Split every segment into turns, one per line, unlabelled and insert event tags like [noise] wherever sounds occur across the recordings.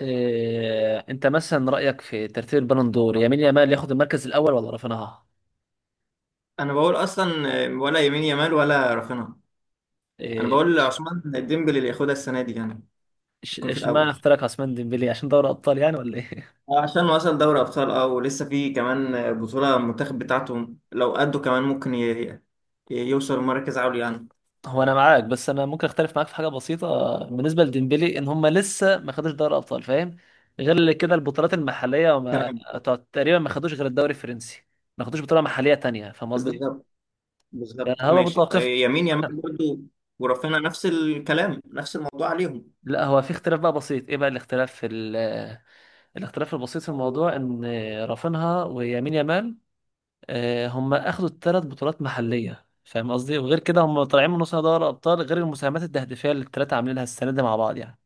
إيه انت مثلا رايك في ترتيب البالون دور، يمين يامال ياخد المركز الاول ولا رافينها؟
انا بقول اصلا ولا يمين يامال ولا رافينها. انا
إيه
بقول
إش-
عثمان ديمبلي اللي ياخدها السنه دي يعني يكون في
اشمعنى
الاول
اختارك عثمان ديمبلي عشان دوري ابطال يعني ولا ايه؟
عشان وصل دوري ابطال، اه، ولسه في كمان بطوله المنتخب بتاعته لو قده كمان ممكن يوصل مركز عالي يعني.
[laughs] هو انا معاك، بس انا ممكن اختلف معاك في حاجه بسيطه بالنسبه لديمبلي، ان هم لسه ما خدوش دوري ابطال، فاهم؟ غير كده البطولات المحليه، وما
تمام.
تقريبا ما خدوش غير الدوري الفرنسي، ما خدوش بطوله محليه تانية، فاهم قصدي؟
بالظبط،
يعني
بالظبط،
هو
ماشي
متوقف.
يمين يامال
[laughs]
برضه، ورافينها نفس الكلام، نفس الموضوع عليهم.
لا، هو في اختلاف بقى بسيط. ايه بقى الاختلاف الاختلاف البسيط في الموضوع؟ ان رافينها ويمين يامال، هم اخدوا الثلاث بطولات محليه، فاهم قصدي؟ وغير كده هم طالعين من نص نهائي دوري الابطال، غير المساهمات التهديفيه اللي الثلاثه عاملينها السنه دي مع بعض يعني.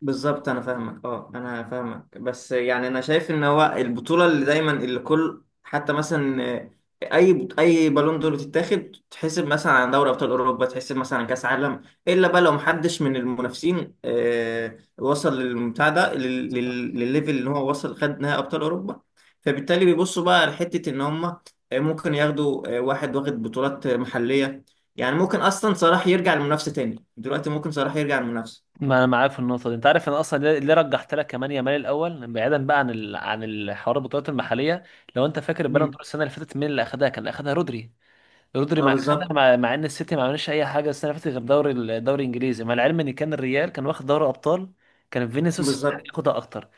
بالظبط، انا فاهمك بس يعني انا شايف ان هو البطوله اللي دايما اللي كل حتى مثلا، اي بالون دور بتتاخد، تحسب مثلا عن دوري ابطال اوروبا، تحسب مثلا عن كاس عالم، الا بقى لو محدش من المنافسين، وصل للمتاع ده
بالظبط.
للليفل اللي هو وصل، خد نهائي ابطال اوروبا. فبالتالي بيبصوا بقى لحته ان هم، ممكن ياخدوا، واحد واخد بطولات، محليه. يعني ممكن اصلا صلاح يرجع للمنافسه تاني دلوقتي، ممكن صلاح يرجع للمنافسه.
ما انا معاك في النقطه دي. انت عارف انا اصلا ليه رجحت لك كمان يامال الاول، بعيدا بقى عن الحوار البطولات المحليه؟ لو انت فاكر البالون دور السنه اللي فاتت مين اللي اخدها؟ كان اخدها رودري. رودري
اه،
مع خدها،
بالظبط.
مع ان السيتي ما عملش اي حاجه السنه اللي فاتت غير دوري الدوري الانجليزي، مع العلم ان كان الريال كان واخد دوري ابطال، كان فينيسيوس
بالظبط،
يستحق ياخدها اكتر.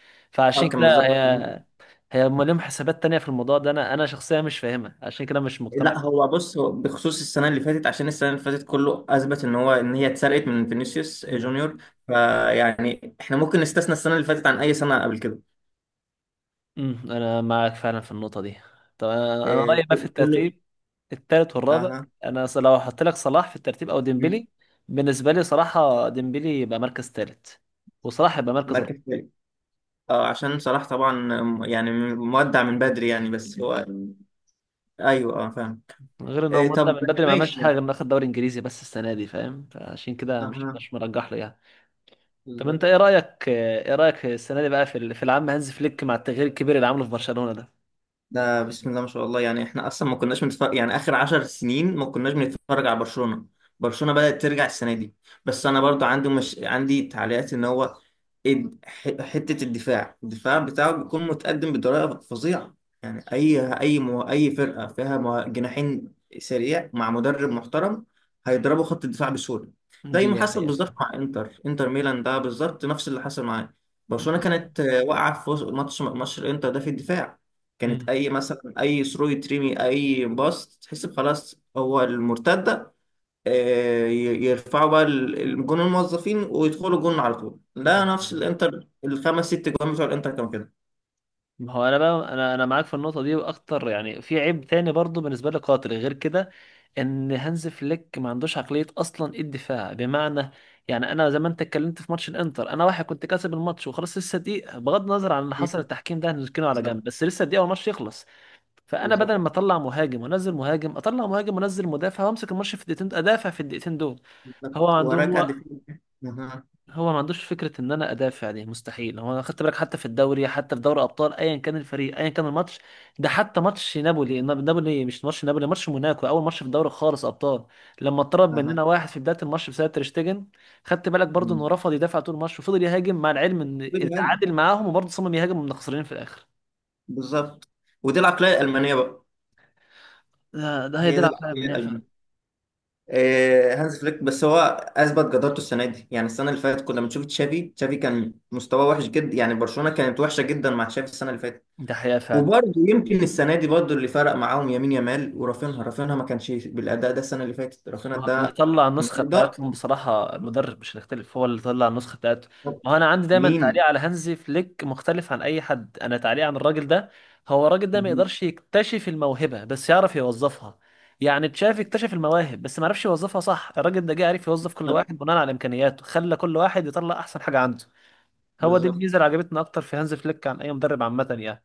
اه،
فعشان
كان
كده
بالظبط.
هي، هم لهم حسابات تانية في الموضوع ده، انا شخصيا مش فاهمها، عشان كده مش مقتنع
لا هو بص، هو بخصوص السنه اللي فاتت، عشان السنه اللي فاتت كله اثبت ان هي اتسرقت من فينيسيوس
بيه.
جونيور. فيعني احنا ممكن نستثنى السنه اللي فاتت عن اي سنه قبل كده.
انا معاك فعلا في النقطه دي. طب أنا
آه،
رايي بقى في
كله.
الترتيب الثالث والرابع،
اها.
لو هحط لك صلاح في الترتيب او
مم.
ديمبلي، بالنسبه لي صراحه ديمبلي يبقى مركز ثالث، وصلاح يبقى مركز.
مركز ثالث. اه، عشان صلاح طبعا يعني مودع من بدري يعني، بس هو. ايوه، فاهم.
غير ان هو مدة
طب
من بدري ما عملش
ماشي
حاجه
يعني.
غير انه اخد دوري انجليزي بس السنه دي، فاهم؟ فعشان كده مش
اها.
مش مرجح له يعني. طب انت ايه
بالظبط.
رايك، ايه رايك السنه دي بقى في العام هانز فليك مع التغيير الكبير اللي عمله في برشلونه ده؟
ده بسم الله ما شاء الله، يعني احنا اصلا ما كناش بنتفرج يعني اخر 10 سنين، ما كناش بنتفرج على برشلونة. برشلونة بدأت ترجع السنة دي. بس انا برضو مش عندي تعليقات ان هو حتة الدفاع بتاعه بيكون متقدم بطريقة فظيعة. يعني اي فرقة فيها جناحين سريع مع مدرب محترم هيضربوا خط الدفاع بسهولة. زي ما
دي
حصل
حقيقه
بالظبط
فعلا.
مع انتر ميلان، ده بالظبط نفس اللي حصل معاه. برشلونة كانت، واقعة في ماتش الانتر ده في الدفاع.
مم.
كانت اي مثلا اي ثرو يترمي، اي باص، تحس خلاص هو المرتده. يرفعوا بقى الجون الموظفين ويدخلوا جون على طول،
ده
لا نفس
حقيقة.
الانتر، الخمس ست جوان بتوع الانتر كانوا كده.
ما هو انا بقى انا انا معاك في النقطه دي واكتر يعني، في عيب تاني برضو بالنسبه لي قاتل غير كده، ان هانز فليك ما عندوش عقليه اصلا الدفاع، بمعنى يعني انا زي ما انت اتكلمت في ماتش الانتر، انا واحد كنت كاسب الماتش وخلاص، لسه دقيقه، بغض النظر عن اللي حصل
مم.
التحكيم ده هنركنه على
بالظبط.
جنب، بس لسه دقيقه والماتش يخلص. فانا بدل ما
بالظبط،
اطلع مهاجم وانزل مهاجم، اطلع مهاجم وانزل مدافع، وامسك الماتش في الدقيقتين، ادافع في الدقيقتين دول. هو
بالظبط،
عنده
ورجع
هو
دفاع. اها.
هو ما عندوش فكره ان انا ادافع، دي مستحيل. هو انا خدت بالك حتى في الدوري، حتى في دوري ابطال، ايا كان الفريق، ايا كان الماتش، ده حتى ماتش نابولي، مش ماتش نابولي، ماتش موناكو، اول ماتش في الدوري خالص ابطال، لما اتطرد
اها.
مننا واحد في بدايه الماتش بسبب تريشتجن، خدت بالك برضو انه
مم.
رفض يدافع طول الماتش وفضل يهاجم، مع العلم ان
بيهاجم.
التعادل معاهم، وبرضه صمم يهاجم، ومن خسرانين في الاخر.
بالظبط. ودي العقليه الالمانيه بقى.
ده هي
هي
دي
دي
العقليه
العقليه
المنيعه فعلا.
الالمانيه. هانز فليك بس هو اثبت جدارته السنه دي. يعني السنه اللي فاتت كنا بنشوف تشافي كان مستواه وحش جدا، يعني برشلونه كانت وحشه جدا مع تشافي السنه اللي فاتت.
ده حقيقه فعلا.
وبرضه يمكن السنه دي برضه اللي فرق معاهم يمين يامال ورافينها، رافينها ما كانش بالاداء ده السنه اللي فاتت، رافينها
ما هو اللي
ده
طلع النسخة
النهارده.
بتاعتهم بصراحة المدرب، مش هنختلف، هو اللي طلع النسخة بتاعته. ما هو أنا عندي دايما
مين؟
تعليق على هانزي فليك مختلف عن أي حد. أنا تعليق عن الراجل ده، هو الراجل ده ما
مهم.
يقدرش يكتشف الموهبة بس يعرف يوظفها. يعني تشافي اكتشف المواهب بس ما عرفش يوظفها، صح؟ الراجل ده جه عرف يوظف كل واحد بناء على إمكانياته، خلى كل واحد يطلع أحسن حاجة عنده. هو دي الميزة
بالظبط.
اللي عجبتنا أكتر في هانز فليك عن أي مدرب عامة يعني.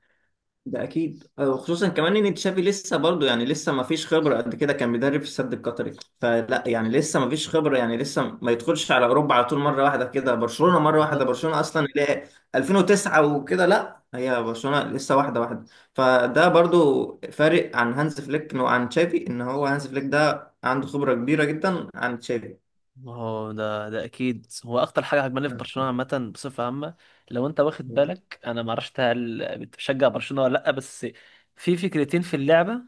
ده اكيد، خصوصا كمان ان تشافي لسه برضه، يعني لسه ما فيش خبره قد كده، كان بيدرب في السد القطري. فلا يعني لسه ما فيش خبره، يعني لسه ما يدخلش على اوروبا على طول مره واحده كده، برشلونه مره واحده،
بالظبط.
برشلونه اصلا اللي هي 2009 وكده، لا، هي برشلونه لسه واحده واحده. فده برضه فارق عن هانز فليك وعن تشافي، ان هو هانز فليك ده عنده خبره كبيره جدا عن تشافي.
هو ده اكيد هو اكتر حاجه عجباني في
اها.
برشلونه عامه بصفه عامه. لو انت واخد بالك، انا ما اعرفش هل بتشجع برشلونه ولا لا، بس في فكرتين في اللعبه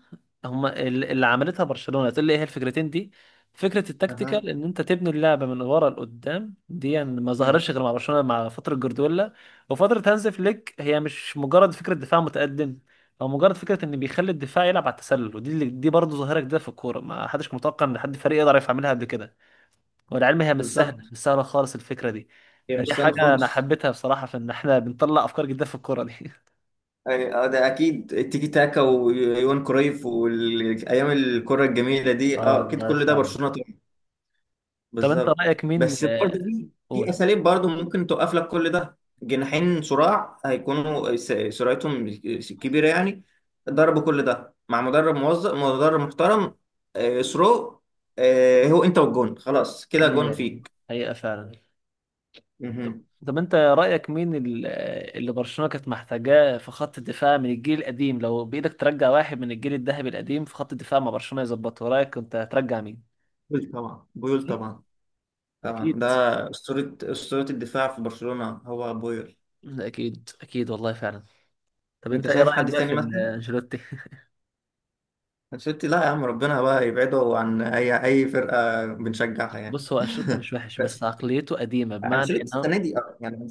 هما اللي عملتها برشلونه، تقول لي ايه هي الفكرتين دي؟ فكره التكتيكال ان انت تبني اللعبه من ورا لقدام دي، يعني ما ظهرتش
أها.
غير مع برشلونه مع فتره جوارديولا وفتره هانز فليك. هي مش مجرد فكره دفاع متقدم او مجرد فكره ان بيخلي الدفاع يلعب على التسلل، ودي دي برضه ظاهره جديده في الكوره، ما حدش كان متوقع ان حد فريق يقدر يعملها قبل كده. والعلم هي مش سهله،
بالظبط.
مش سهله خالص الفكره دي.
هي
فدي
مش سهل
حاجه انا
خالص.
حبيتها بصراحه، في ان احنا بنطلع افكار جديده في الكوره دي. [laughs]
ده اكيد، التيكي تاكا ويوان كرويف والايام الكره الجميله دي،
اه
اكيد
والله
كل ده
فعلا.
برشلونه طبعا.
طب انت
بالظبط،
رايك مين،
بس برضه في
قول
اساليب برضه ممكن توقف لك كل ده. جناحين صراع، هيكونوا سرعتهم كبيره يعني، ضربوا كل ده مع مدرب موظف، مدرب محترم، سرو، هو انت والجون خلاص كده، جون
ليه،
فيك.
حقيقه فعلا. طب
مهم.
طب انت رايك مين اللي برشلونه كانت محتاجاه في خط الدفاع من الجيل القديم، لو بايدك ترجع واحد من الجيل الذهبي القديم في خط الدفاع مع برشلونه يظبطه، رايك كنت هترجع مين؟
بويل طبعا، بويل طبعا، طبعا
اكيد،
ده اسطوره، اسطوره الدفاع في برشلونه هو بويل.
اكيد اكيد والله فعلا. طب
انت
انت ايه
شايف
رايك
حد
بقى
تاني
في
مثلا؟
انشيلوتي؟
انشيلوتي؟ لا يا عم، ربنا بقى يبعده عن اي فرقه بنشجعها يعني.
بص، هو انشيلوتي مش وحش، بس عقليته قديمه،
[laughs]
بمعنى
انشيلوتي
ان...
السنه دي، يعني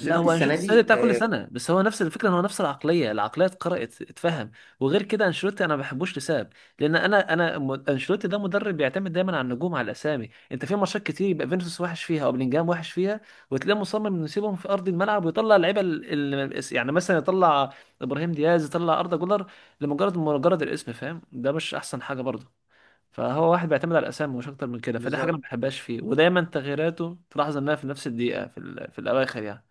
لا، هو
السنه
انشيلوتي السنه دي
دي.
بتاع كل سنه، بس هو نفس الفكره، إن هو نفس العقليه، العقليه اتقرأت اتفهم. وغير كده انشيلوتي انا ما بحبوش لسبب، لان انشيلوتي ده مدرب بيعتمد دايما على النجوم، على الاسامي. انت في ماتشات كتير يبقى فينيسيوس وحش فيها او بلينجهام وحش فيها، وتلاقيه مصمم انه يسيبهم في ارض الملعب ويطلع اللعيبه يعني مثلا يطلع ابراهيم دياز، يطلع اردا جولر، لمجرد الاسم، فاهم؟ ده مش احسن حاجه برضه. فهو واحد بيعتمد على الاسامي مش اكتر من كده. فدي حاجه انا ما
بالظبط،
بحبهاش فيه، ودايما تغييراته تلاحظ انها في نفس الدقيقه في الاواخر يعني.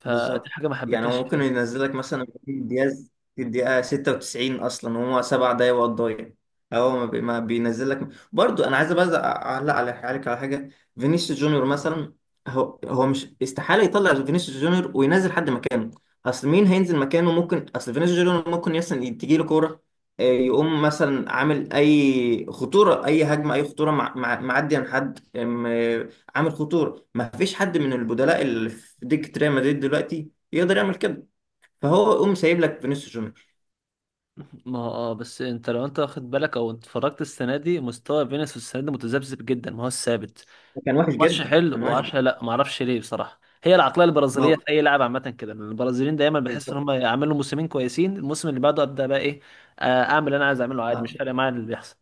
فدي
بالظبط.
حاجه ما
يعني هو
حبيتهاش
ممكن
فيه.
ينزلك مثلا إبراهيم دياز في الدقيقة 96 أصلا وهو 7 دقايق وقت ضايع. هو ما بينزلك برضو. أنا عايز بس أعلق عليك على حاجة. فينيسيوس جونيور مثلا، هو مش استحالة يطلع فينيسيوس جونيور وينزل حد مكانه. أصل مين هينزل مكانه؟ ممكن أصل فينيسيوس جونيور ممكن مثلا تجي له كورة، يقوم مثلا عامل أي خطورة، أي هجمة، أي خطورة معدي عن حد، عامل خطوره. ما فيش حد من البدلاء اللي في دكه ريال مدريد دلوقتي يقدر يعمل كده، فهو يقوم سايب لك فينيسيوس جونيور.
[laughs] ما هو، بس انت واخد بالك او اتفرجت السنه دي، مستوى فينيسيوس السنه دي متذبذب جدا، ما هو ثابت.
كان وحش
ماتش
جدا،
حلو
كان وحش
و10،
جدا.
لا، ما اعرفش ليه بصراحه، هي العقليه
ما
البرازيليه
هو
في اي لاعب عامه كده. لأن البرازيليين دايما بحس ان
بالظبط.
هم يعملوا موسمين كويسين، الموسم اللي بعده ابدا بقى ايه، اعمل اللي انا عايز اعمله عادي، مش
صح.
فارق معايا اللي بيحصل.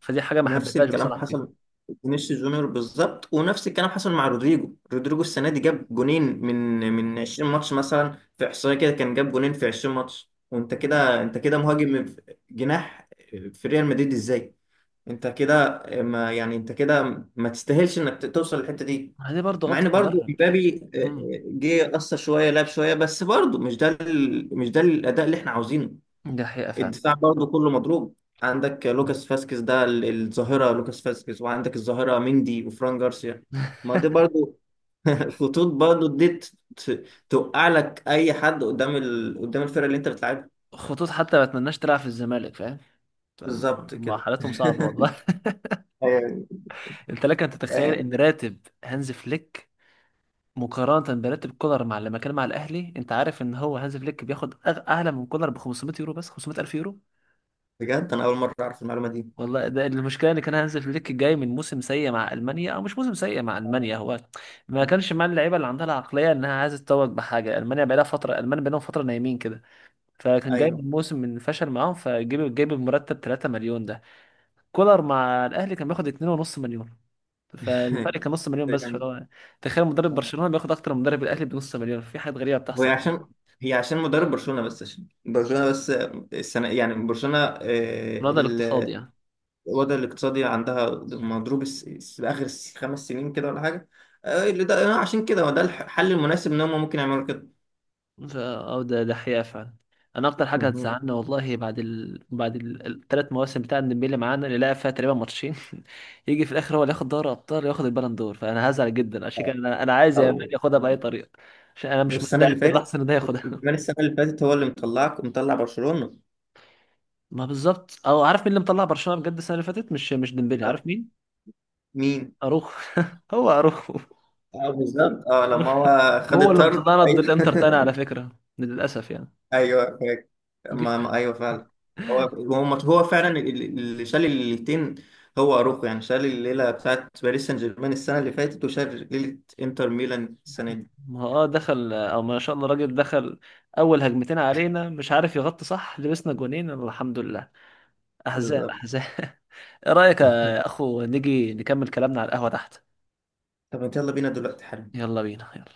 فدي حاجه ما
نفس
حبيتهاش
الكلام
بصراحه فيه.
حصل، فينيسيوس جونيور بالظبط. ونفس الكلام حصل مع رودريجو. رودريجو السنه دي جاب جونين، من 20 ماتش مثلا، في احصائيه كده كان جاب جونين في 20 ماتش. وانت كده، انت كده مهاجم، جناح، في ريال مدريد ازاي؟ انت كده ما يعني، انت كده ما تستاهلش انك توصل للحته دي.
ما دي برضه
مع
غلطة
ان برضو
مدرب.
امبابي
امم
جه قصر شويه، لعب شويه، بس برضو مش ده مش ده الاداء اللي احنا عاوزينه.
دي حقيقة فعلا.
الدفاع برضو كله مضروب، عندك لوكاس فاسكيز ده الظاهره لوكاس فاسكيز، وعندك الظاهره مندي وفران جارسيا. ما دي
[laughs]
برضو [laughs] خطوط برضو دي توقع لك اي حد قدام، قدام الفرقه اللي انت بتلعبها
خطوط، حتى ما اتمناش تلعب في الزمالك، فاهم؟
بالظبط
ما
كده.
حالتهم صعبة
[laughs]
والله.
أيوة.
[laughs] انت لك ان تتخيل
أيوة.
ان راتب هانز فليك مقارنة براتب كولر مع لما كان مع الاهلي؟ انت عارف ان هو هانز فليك بياخد اعلى من كولر ب 500 يورو، بس 500 الف يورو،
بجد انا اول مره اعرف المعلومه دي.
والله. ده المشكلة ان كان هانز فليك جاي من موسم سيء مع المانيا، او مش موسم سيء مع المانيا، هو ما كانش مع اللعيبة اللي عندها العقلية انها عايزة تتوج بحاجة. المانيا بقالهم فترة نايمين كده. فكان جايب
ايوه.
الموسم من فشل معاهم، جايب المرتب 3 مليون ده. كولر مع الاهلي كان بياخد 2.5 مليون، فالفرق
[laughs]
كان نص مليون بس،
يعني
فهو تخيل مدرب برشلونة بياخد اكتر من مدرب الاهلي بنص مليون، في حاجات غريبة
هو
بتحصل
عشان هي عشان مدرب برشلونه بس، عشان برشلونه بس السنه يعني، برشلونه
من هذا الاقتصاد
ال-
يعني.
الوضع الاقتصادي عندها مضروب اخر 5 سنين كده ولا حاجه، اللي ده عشان كده هو ده الحل المناسب ان هم ممكن يعملوا كده.
ده حقيقة فعلا. انا اكتر حاجة
مهم.
هتزعلنا والله، بعد الثلاث مواسم بتاع ديمبلي معانا اللي لعب فيها تقريبا ماتشين [laughs] يجي في الاخر هو اللي ياخد دوري ابطال، ياخد البالون دور، فانا هزعل جدا. عشان كده انا عايز يا مان
او.
ياخدها باي طريقة، عشان انا مش
والسنه اللي
مستعد
فاتت،
اللحظة ان ده ياخدها.
وكمان السنه اللي فاتت هو اللي مطلع برشلونه.
ما بالظبط، او عارف مين اللي مطلع برشلونة بجد السنة اللي فاتت؟ مش ديمبلي،
آه،
عارف مين؟
مين؟
اروخو. [laughs] هو اروخو
اه بالظبط، اه لما هو خد
هو اللي
الطرد.
مطلعنا ضد الانتر تاني على
ايوه. [laughs]
فكرة، للاسف يعني.
ايوه فاكر.
دي في آخر-
ايوه فعلا. هو فعلا، اللي شال الليلتين، هو اروخو يعني، شال الليله بتاعت باريس سان جيرمان السنه اللي فاتت، وشال ليله انتر ميلان السنه دي.
ما هو، اه دخل، او ما شاء الله الراجل دخل اول هجمتين علينا مش عارف يغطي صح، لبسنا جونين الحمد لله، احزان
بالظبط.
احزان. [laughs] ايه رايك
[laughs]
يا اخو نيجي نكمل كلامنا على القهوة تحت؟
طب انت يلا بينا دلوقتي حالا.
يلا بينا، يلا.